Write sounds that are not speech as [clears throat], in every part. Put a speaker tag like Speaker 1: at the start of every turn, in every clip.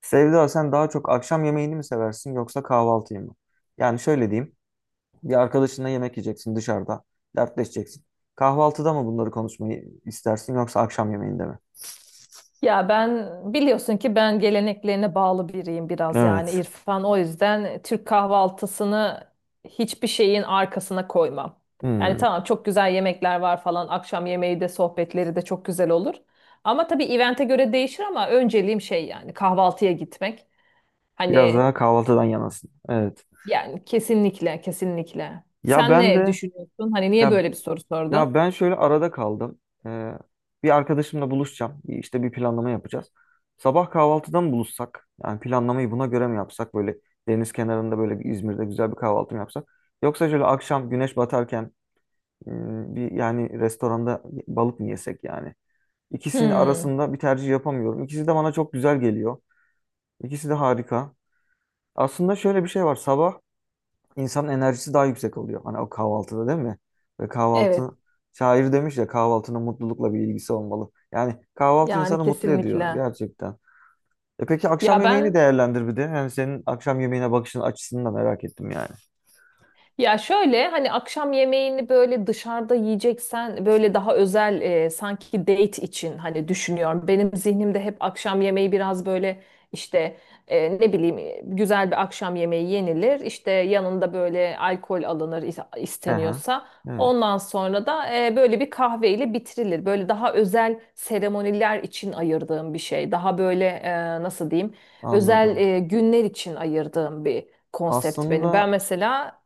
Speaker 1: Sevda sen daha çok akşam yemeğini mi seversin yoksa kahvaltıyı mı? Yani şöyle diyeyim. Bir arkadaşınla yemek yiyeceksin dışarıda. Dertleşeceksin. Kahvaltıda mı bunları konuşmayı istersin yoksa akşam yemeğinde mi?
Speaker 2: Ya, biliyorsun ki ben geleneklerine bağlı biriyim biraz yani
Speaker 1: Evet.
Speaker 2: İrfan. O yüzden Türk kahvaltısını hiçbir şeyin arkasına koymam. Yani
Speaker 1: Hmm,
Speaker 2: tamam, çok güzel yemekler var falan. Akşam yemeği de sohbetleri de çok güzel olur. Ama tabii evente göre değişir, ama önceliğim şey, yani kahvaltıya gitmek.
Speaker 1: Biraz
Speaker 2: Hani,
Speaker 1: daha kahvaltıdan yanasın. Evet.
Speaker 2: yani kesinlikle kesinlikle.
Speaker 1: Ya
Speaker 2: Sen
Speaker 1: ben
Speaker 2: ne
Speaker 1: de
Speaker 2: düşünüyorsun? Hani niye
Speaker 1: ya
Speaker 2: böyle bir soru sordun?
Speaker 1: Ya ben şöyle arada kaldım. Ee, bir arkadaşımla buluşacağım. İşte bir planlama yapacağız. Sabah kahvaltıdan buluşsak, yani planlamayı buna göre mi yapsak? Böyle deniz kenarında böyle bir İzmir'de güzel bir kahvaltı mı yapsak? Yoksa şöyle akşam güneş batarken bir yani restoranda balık mı yesek yani? İkisinin
Speaker 2: Hmm,
Speaker 1: arasında bir tercih yapamıyorum. İkisi de bana çok güzel geliyor. İkisi de harika. Aslında şöyle bir şey var. Sabah İnsanın enerjisi daha yüksek oluyor. Hani o kahvaltıda değil mi? Ve
Speaker 2: evet,
Speaker 1: kahvaltı, şair demiş ya, kahvaltının mutlulukla bir ilgisi olmalı. Yani kahvaltı
Speaker 2: yani
Speaker 1: insanı mutlu ediyor
Speaker 2: kesinlikle.
Speaker 1: gerçekten. E peki
Speaker 2: Ya
Speaker 1: akşam yemeğini
Speaker 2: ben
Speaker 1: değerlendir bir de. Yani senin akşam yemeğine bakışın açısını da merak ettim yani.
Speaker 2: Ya şöyle, hani akşam yemeğini böyle dışarıda yiyeceksen böyle daha özel, sanki date için hani düşünüyorum. Benim zihnimde hep akşam yemeği biraz böyle işte, ne bileyim, güzel bir akşam yemeği yenilir. İşte yanında böyle alkol alınır,
Speaker 1: Hı.
Speaker 2: isteniyorsa.
Speaker 1: Evet,
Speaker 2: Ondan sonra da, böyle bir kahveyle bitirilir. Böyle daha özel seremoniler için ayırdığım bir şey. Daha böyle, nasıl diyeyim, özel
Speaker 1: anladım.
Speaker 2: günler için ayırdığım bir konsept benim. Ben
Speaker 1: Aslında.
Speaker 2: mesela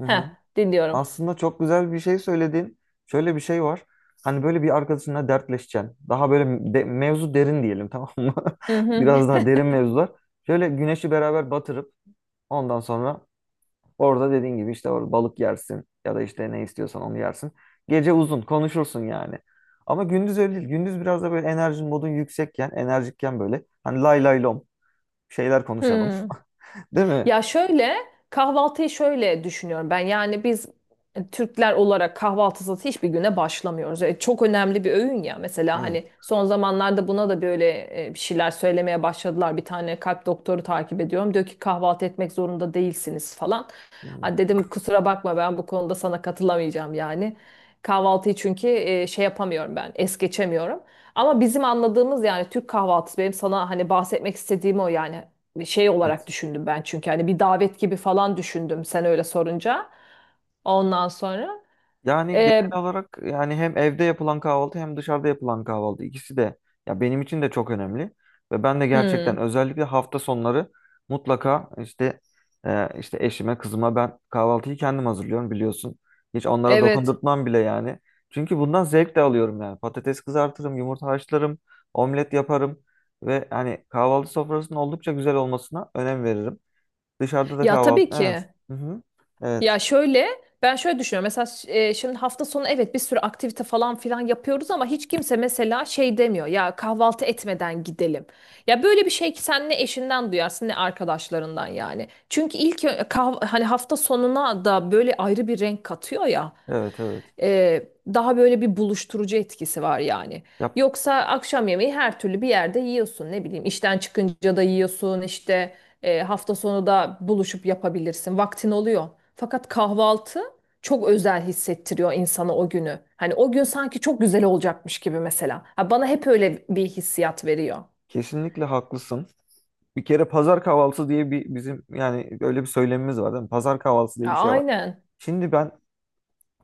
Speaker 1: Hı
Speaker 2: Heh,
Speaker 1: hı.
Speaker 2: dinliyorum.
Speaker 1: Aslında çok güzel bir şey söyledin. Şöyle bir şey var. Hani böyle bir arkadaşınla dertleşeceksin. Daha böyle mevzu derin diyelim, tamam mı?
Speaker 2: Hı
Speaker 1: [laughs]
Speaker 2: hı.
Speaker 1: Biraz daha derin mevzular. Şöyle güneşi beraber batırıp ondan sonra orada, dediğin gibi, işte orada balık yersin ya da işte ne istiyorsan onu yersin. Gece uzun konuşursun yani. Ama gündüz öyle değil. Gündüz biraz da böyle enerjin modun yüksekken, enerjikken böyle hani lay lay lom şeyler konuşalım.
Speaker 2: Hı.
Speaker 1: [laughs] Değil mi?
Speaker 2: Ya şöyle, kahvaltıyı şöyle düşünüyorum ben. Yani biz, Türkler olarak kahvaltısız hiçbir güne başlamıyoruz. Çok önemli bir öğün ya. Mesela hani
Speaker 1: Evet.
Speaker 2: son zamanlarda buna da böyle, bir şeyler söylemeye başladılar. Bir tane kalp doktoru takip ediyorum. Diyor ki kahvaltı etmek zorunda değilsiniz falan. Ha, dedim, kusura bakma, ben bu konuda sana katılamayacağım yani. Kahvaltıyı çünkü, şey yapamıyorum ben, es geçemiyorum. Ama bizim anladığımız yani Türk kahvaltısı, benim sana hani bahsetmek istediğim o, yani şey olarak
Speaker 1: Evet.
Speaker 2: düşündüm ben, çünkü hani bir davet gibi falan düşündüm sen öyle sorunca. Ondan sonra,
Speaker 1: Yani
Speaker 2: e,
Speaker 1: genel olarak yani hem evde yapılan kahvaltı hem dışarıda yapılan kahvaltı ikisi de ya benim için de çok önemli ve ben de gerçekten
Speaker 2: hmm,
Speaker 1: özellikle hafta sonları mutlaka işte işte eşime kızıma ben kahvaltıyı kendim hazırlıyorum biliyorsun. Hiç onlara
Speaker 2: evet.
Speaker 1: dokundurtmam bile yani. Çünkü bundan zevk de alıyorum yani. Patates kızartırım, yumurta haşlarım, omlet yaparım ve hani kahvaltı sofrasının oldukça güzel olmasına önem veririm. Dışarıda da
Speaker 2: Ya,
Speaker 1: kahvaltı.
Speaker 2: tabii
Speaker 1: Evet.
Speaker 2: ki.
Speaker 1: Hı hı. Evet.
Speaker 2: Ya şöyle, ben şöyle düşünüyorum mesela. Şimdi hafta sonu, evet, bir sürü aktivite falan filan yapıyoruz, ama hiç kimse mesela şey demiyor ya, kahvaltı etmeden gidelim. Ya böyle bir şey ki sen ne eşinden duyarsın ne arkadaşlarından yani. Çünkü ilk hani hafta sonuna da böyle ayrı bir renk katıyor ya.
Speaker 1: Evet, evet.
Speaker 2: Ee, daha böyle bir buluşturucu etkisi var yani.
Speaker 1: Ya,
Speaker 2: Yoksa akşam yemeği her türlü bir yerde yiyorsun, ne bileyim işten çıkınca da yiyorsun, işte hafta sonu da buluşup yapabilirsin, vaktin oluyor. Fakat kahvaltı çok özel hissettiriyor insana o günü. Hani o gün sanki çok güzel olacakmış gibi mesela. Ha, bana hep öyle bir hissiyat veriyor.
Speaker 1: kesinlikle haklısın. Bir kere pazar kahvaltısı diye bir, bizim yani öyle bir söylemimiz var değil mi? Pazar kahvaltısı diye
Speaker 2: Ya,
Speaker 1: bir şey var.
Speaker 2: aynen.
Speaker 1: Şimdi ben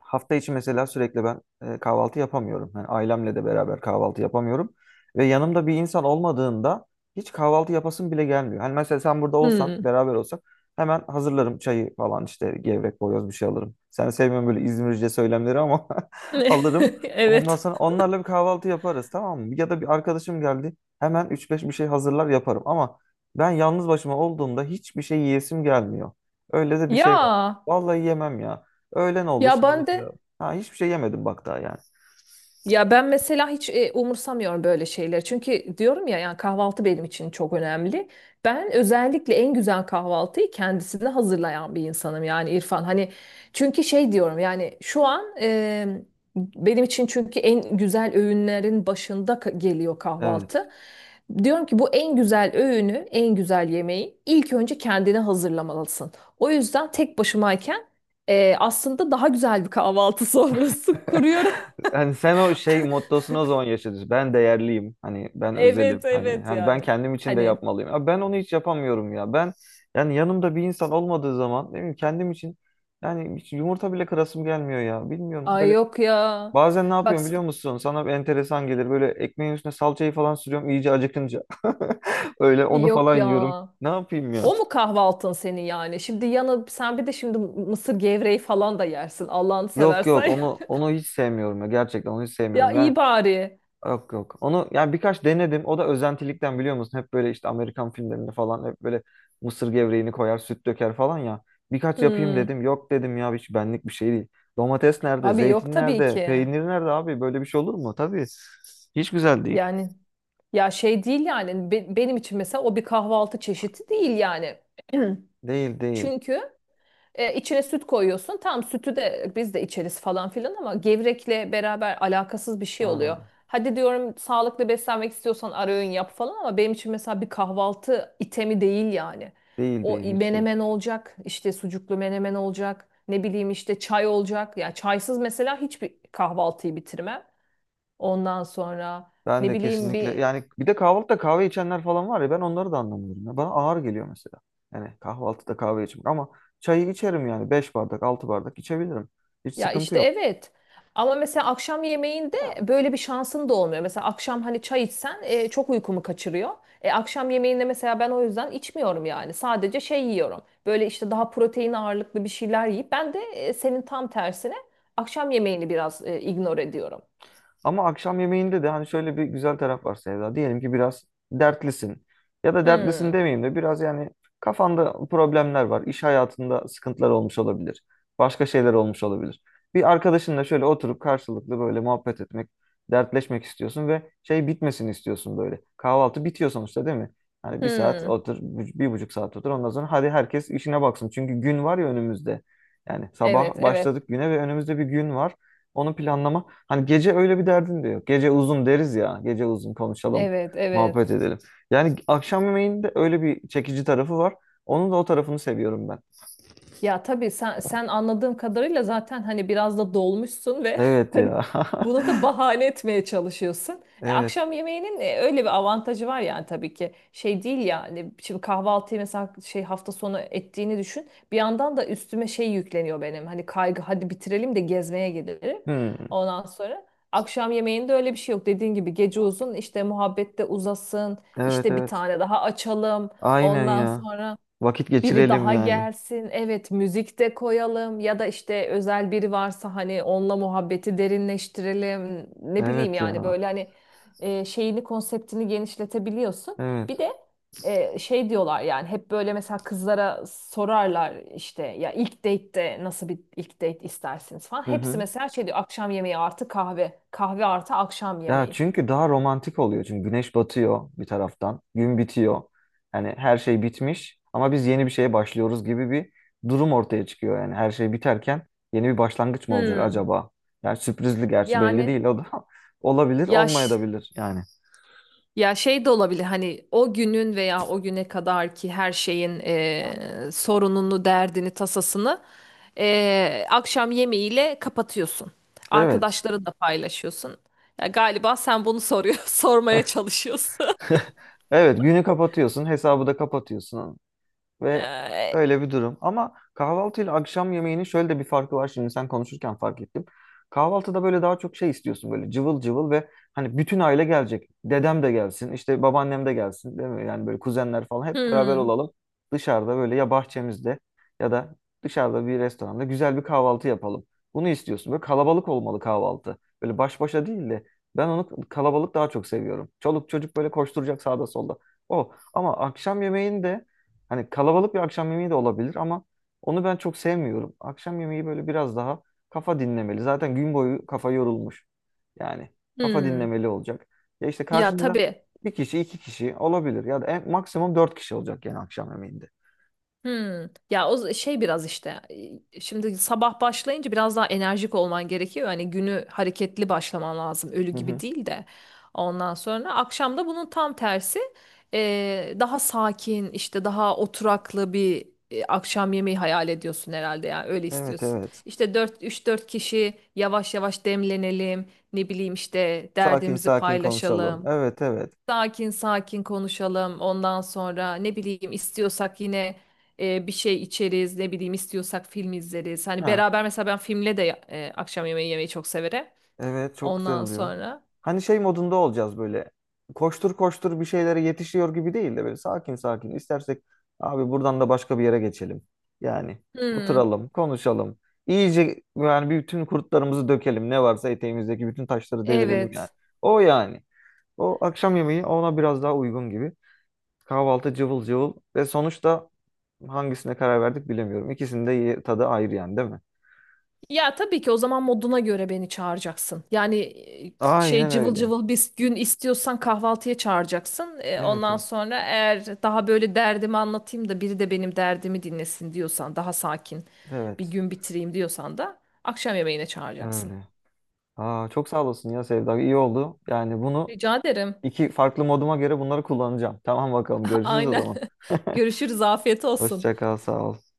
Speaker 1: hafta içi mesela sürekli ben kahvaltı yapamıyorum. Yani ailemle de beraber kahvaltı yapamıyorum. Ve yanımda bir insan olmadığında hiç kahvaltı yapasım bile gelmiyor. Hani mesela sen burada olsan,
Speaker 2: Hmm.
Speaker 1: beraber olsak, hemen hazırlarım çayı falan, işte gevrek, boyoz, bir şey alırım. Sen sevmiyorsun böyle İzmirce söylemleri ama [laughs] alırım. Ondan
Speaker 2: [laughs] Evet.
Speaker 1: sonra onlarla bir kahvaltı yaparız, tamam mı? Ya da bir arkadaşım geldi, hemen üç beş bir şey hazırlar yaparım. Ama ben yalnız başıma olduğumda hiçbir şey yiyesim gelmiyor. Öyle de bir
Speaker 2: Ya
Speaker 1: şey var. Vallahi yemem ya. Öğlen oldu
Speaker 2: ya
Speaker 1: şimdi
Speaker 2: ben
Speaker 1: mesela.
Speaker 2: de
Speaker 1: Ha, hiçbir şey yemedim bak daha yani.
Speaker 2: Ya ben mesela hiç umursamıyorum böyle şeyleri. Çünkü diyorum ya, yani kahvaltı benim için çok önemli. Ben özellikle en güzel kahvaltıyı kendisine hazırlayan bir insanım yani İrfan. Hani çünkü şey diyorum, yani şu an, benim için çünkü en güzel öğünlerin başında geliyor
Speaker 1: Evet.
Speaker 2: kahvaltı. Diyorum ki bu en güzel öğünü, en güzel yemeği ilk önce kendine hazırlamalısın. O yüzden tek başımayken, aslında daha güzel bir kahvaltı sofrası [laughs]
Speaker 1: [laughs]
Speaker 2: kuruyorum.
Speaker 1: Hani sen o şey mottosunu o zaman yaşadın. Ben değerliyim. Hani ben özelim.
Speaker 2: Evet
Speaker 1: Hani
Speaker 2: evet
Speaker 1: hani ben
Speaker 2: yani.
Speaker 1: kendim için de
Speaker 2: Hani
Speaker 1: yapmalıyım. Abi ben onu hiç yapamıyorum ya. Ben yani yanımda bir insan olmadığı zaman ne bileyim kendim için yani hiç yumurta bile kırasım gelmiyor ya. Bilmiyorum,
Speaker 2: ay,
Speaker 1: böyle
Speaker 2: yok ya.
Speaker 1: bazen ne
Speaker 2: Bak,
Speaker 1: yapıyorum biliyor musun? Sana bir enteresan gelir. Böyle ekmeğin üstüne salçayı falan sürüyorum iyice acıkınca. [laughs] Öyle onu
Speaker 2: yok
Speaker 1: falan
Speaker 2: ya.
Speaker 1: yiyorum. Ne yapayım ya?
Speaker 2: O mu kahvaltın senin yani? Şimdi yanı sen bir de şimdi mısır gevreği falan da yersin. Allah'ını
Speaker 1: Yok yok,
Speaker 2: seversen.
Speaker 1: onu
Speaker 2: [laughs]
Speaker 1: onu hiç sevmiyorum ya, gerçekten onu hiç
Speaker 2: Ya
Speaker 1: sevmiyorum yani.
Speaker 2: iyi bari.
Speaker 1: Yok yok onu, yani birkaç denedim, o da özentilikten biliyor musun, hep böyle işte Amerikan filmlerinde falan hep böyle mısır gevreğini koyar süt döker falan ya. Birkaç yapayım
Speaker 2: Hmm.
Speaker 1: dedim, yok dedim ya, hiç benlik bir şey değil. Domates nerede,
Speaker 2: Abi yok
Speaker 1: zeytin
Speaker 2: tabii
Speaker 1: nerede,
Speaker 2: ki.
Speaker 1: peynir nerede, abi böyle bir şey olur mu, tabii hiç güzel değil.
Speaker 2: Yani ya şey değil yani, benim için mesela o bir kahvaltı çeşidi değil yani.
Speaker 1: Değil
Speaker 2: [clears throat]
Speaker 1: değil.
Speaker 2: Çünkü içine süt koyuyorsun. Tam sütü de biz de içeriz falan filan, ama gevrekle beraber alakasız bir şey
Speaker 1: Aa,
Speaker 2: oluyor. Hadi diyorum sağlıklı beslenmek istiyorsan ara öğün yap falan, ama benim için mesela bir kahvaltı itemi değil yani.
Speaker 1: değil
Speaker 2: O
Speaker 1: değil hiç değil.
Speaker 2: menemen olacak, işte sucuklu menemen olacak, ne bileyim işte çay olacak. Ya çaysız mesela hiçbir kahvaltıyı bitirmem. Ondan sonra,
Speaker 1: Ben
Speaker 2: ne
Speaker 1: de
Speaker 2: bileyim
Speaker 1: kesinlikle
Speaker 2: bir...
Speaker 1: yani, bir de kahvaltıda kahve içenler falan var ya, ben onları da anlamıyorum. Ya. Bana ağır geliyor mesela. Yani kahvaltıda kahve içmek, ama çayı içerim yani 5 bardak 6 bardak içebilirim. Hiç
Speaker 2: Ya
Speaker 1: sıkıntı
Speaker 2: işte,
Speaker 1: yok.
Speaker 2: evet. Ama mesela akşam yemeğinde böyle bir şansın da olmuyor. Mesela akşam hani çay içsen, çok uykumu kaçırıyor. Akşam yemeğinde mesela ben o yüzden içmiyorum yani. Sadece şey yiyorum. Böyle işte daha protein ağırlıklı bir şeyler yiyip, ben de, senin tam tersine akşam yemeğini biraz ignore ediyorum.
Speaker 1: Ama akşam yemeğinde de hani şöyle bir güzel taraf var Sevda. Diyelim ki biraz dertlisin. Ya da dertlisin
Speaker 2: Hmm.
Speaker 1: demeyeyim de biraz yani kafanda problemler var. İş hayatında sıkıntılar olmuş olabilir. Başka şeyler olmuş olabilir. Bir arkadaşınla şöyle oturup karşılıklı böyle muhabbet etmek, dertleşmek istiyorsun ve şey bitmesini istiyorsun böyle. Kahvaltı bitiyor sonuçta değil mi? Hani bir saat
Speaker 2: Hmm.
Speaker 1: otur, bir buçuk saat otur. Ondan sonra hadi herkes işine baksın. Çünkü gün var ya önümüzde. Yani sabah
Speaker 2: Evet, evet.
Speaker 1: başladık güne ve önümüzde bir gün var. Onu planlama. Hani gece öyle bir derdin de yok. Gece uzun deriz ya. Gece uzun konuşalım,
Speaker 2: Evet,
Speaker 1: muhabbet
Speaker 2: evet.
Speaker 1: edelim. Yani akşam yemeğinde öyle bir çekici tarafı var. Onun da o tarafını seviyorum ben.
Speaker 2: Ya tabii, sen anladığım kadarıyla zaten hani biraz da dolmuşsun ve [laughs]
Speaker 1: Evet
Speaker 2: hani
Speaker 1: ya.
Speaker 2: bunu da
Speaker 1: [laughs]
Speaker 2: bahane etmeye çalışıyorsun. E,
Speaker 1: Evet.
Speaker 2: akşam yemeğinin öyle bir avantajı var yani tabii ki. Şey değil yani, şimdi kahvaltıyı mesela şey hafta sonu ettiğini düşün. Bir yandan da üstüme şey yükleniyor benim. Hani kaygı, hadi bitirelim de gezmeye gidelim.
Speaker 1: Hmm.
Speaker 2: Ondan sonra akşam yemeğinde öyle bir şey yok. Dediğin gibi, gece uzun, işte muhabbette uzasın.
Speaker 1: Evet
Speaker 2: İşte bir
Speaker 1: evet.
Speaker 2: tane daha açalım.
Speaker 1: Aynen
Speaker 2: Ondan
Speaker 1: ya.
Speaker 2: sonra
Speaker 1: Vakit
Speaker 2: biri
Speaker 1: geçirelim
Speaker 2: daha
Speaker 1: yani.
Speaker 2: gelsin. Evet, müzik de koyalım, ya da işte özel biri varsa hani onunla muhabbeti derinleştirelim. Ne bileyim
Speaker 1: Evet
Speaker 2: yani
Speaker 1: ya.
Speaker 2: böyle hani, şeyini, konseptini genişletebiliyorsun. Bir
Speaker 1: Evet.
Speaker 2: de, şey diyorlar yani, hep böyle mesela kızlara sorarlar işte ya, ilk date'te nasıl bir ilk date istersiniz falan.
Speaker 1: Hı
Speaker 2: Hepsi
Speaker 1: hı.
Speaker 2: mesela şey diyor, akşam yemeği artı kahve, kahve artı akşam
Speaker 1: Ya
Speaker 2: yemeği.
Speaker 1: çünkü daha romantik oluyor. Çünkü güneş batıyor bir taraftan, gün bitiyor. Yani her şey bitmiş ama biz yeni bir şeye başlıyoruz gibi bir durum ortaya çıkıyor. Yani her şey biterken yeni bir başlangıç mı olacak
Speaker 2: Hmm.
Speaker 1: acaba? Yani sürprizli, gerçi belli
Speaker 2: Yani,
Speaker 1: değil o da, [laughs] olabilir,
Speaker 2: yaş
Speaker 1: olmayabilir yani.
Speaker 2: Ya şey de olabilir, hani o günün veya o güne kadar ki her şeyin, sorununu, derdini, tasasını, akşam yemeğiyle kapatıyorsun.
Speaker 1: Evet.
Speaker 2: Arkadaşlara da paylaşıyorsun. Ya galiba sen bunu soruyor, [laughs] sormaya çalışıyorsun. [laughs]
Speaker 1: [laughs] Evet, günü kapatıyorsun, hesabı da kapatıyorsun. Ve
Speaker 2: Eee,
Speaker 1: öyle bir durum. Ama kahvaltı ile akşam yemeğinin şöyle de bir farkı var. Şimdi sen konuşurken fark ettim. Kahvaltıda böyle daha çok şey istiyorsun, böyle cıvıl cıvıl ve hani bütün aile gelecek. Dedem de gelsin, işte babaannem de gelsin değil mi? Yani böyle kuzenler falan hep beraber
Speaker 2: hmm,
Speaker 1: olalım. Dışarıda, böyle ya bahçemizde ya da dışarıda bir restoranda güzel bir kahvaltı yapalım. Bunu istiyorsun. Böyle kalabalık olmalı kahvaltı. Böyle baş başa değil de, ben onu kalabalık daha çok seviyorum. Çoluk çocuk böyle koşturacak sağda solda. O, ama akşam yemeğinde, hani kalabalık bir akşam yemeği de olabilir ama onu ben çok sevmiyorum. Akşam yemeği böyle biraz daha kafa dinlemeli. Zaten gün boyu kafa yorulmuş. Yani kafa
Speaker 2: hmm.
Speaker 1: dinlemeli olacak. Ya işte
Speaker 2: Ya
Speaker 1: karşında
Speaker 2: tabii.
Speaker 1: bir kişi, iki kişi olabilir. Ya da maksimum dört kişi olacak yani akşam yemeğinde.
Speaker 2: Hmm. Ya şey, biraz işte, şimdi sabah başlayınca biraz daha enerjik olman gerekiyor. Hani günü hareketli başlaman lazım. Ölü
Speaker 1: Hı
Speaker 2: gibi
Speaker 1: hı.
Speaker 2: değil de. Ondan sonra akşam da bunun tam tersi, daha sakin, işte daha oturaklı bir akşam yemeği hayal ediyorsun herhalde. Ya öyle
Speaker 1: Evet
Speaker 2: istiyorsun.
Speaker 1: evet.
Speaker 2: İşte 4 3-4 kişi yavaş yavaş demlenelim. Ne bileyim işte
Speaker 1: Sakin
Speaker 2: derdimizi
Speaker 1: sakin konuşalım.
Speaker 2: paylaşalım.
Speaker 1: Evet evet.
Speaker 2: Sakin sakin konuşalım. Ondan sonra, ne bileyim istiyorsak yine, bir şey içeriz. Ne bileyim istiyorsak film izleriz. Hani
Speaker 1: Ha.
Speaker 2: beraber, mesela ben filmle de, akşam yemeği yemeyi çok severim.
Speaker 1: Evet, çok güzel
Speaker 2: Ondan
Speaker 1: oluyor.
Speaker 2: sonra.
Speaker 1: Hani şey modunda olacağız böyle. Koştur koştur bir şeylere yetişiyor gibi değil de böyle sakin sakin. İstersek abi buradan da başka bir yere geçelim. Yani
Speaker 2: Hmm,
Speaker 1: oturalım, konuşalım. İyice yani bütün kurtlarımızı dökelim. Ne varsa eteğimizdeki bütün taşları devirelim yani.
Speaker 2: evet.
Speaker 1: O yani. O akşam yemeği ona biraz daha uygun gibi. Kahvaltı cıvıl cıvıl ve sonuçta hangisine karar verdik bilemiyorum. İkisinin de tadı ayrı yani değil mi?
Speaker 2: Ya tabii ki, o zaman moduna göre beni çağıracaksın. Yani, e, şey
Speaker 1: Aynen
Speaker 2: cıvıl
Speaker 1: öyle.
Speaker 2: cıvıl bir gün istiyorsan kahvaltıya çağıracaksın. E,
Speaker 1: Evet
Speaker 2: ondan
Speaker 1: evet.
Speaker 2: sonra, eğer daha böyle derdimi anlatayım da biri de benim derdimi dinlesin diyorsan, daha sakin bir
Speaker 1: Evet.
Speaker 2: gün bitireyim diyorsan da akşam yemeğine çağıracaksın.
Speaker 1: Öyle. Aa, çok sağ olasın ya Sevda. İyi oldu. Yani bunu
Speaker 2: Rica ederim.
Speaker 1: iki farklı moduma göre bunları kullanacağım. Tamam bakalım,
Speaker 2: [laughs]
Speaker 1: görüşürüz o
Speaker 2: Aynen.
Speaker 1: zaman.
Speaker 2: [laughs]
Speaker 1: [laughs]
Speaker 2: Görüşürüz. Afiyet olsun.
Speaker 1: Hoşça kal, sağ ol.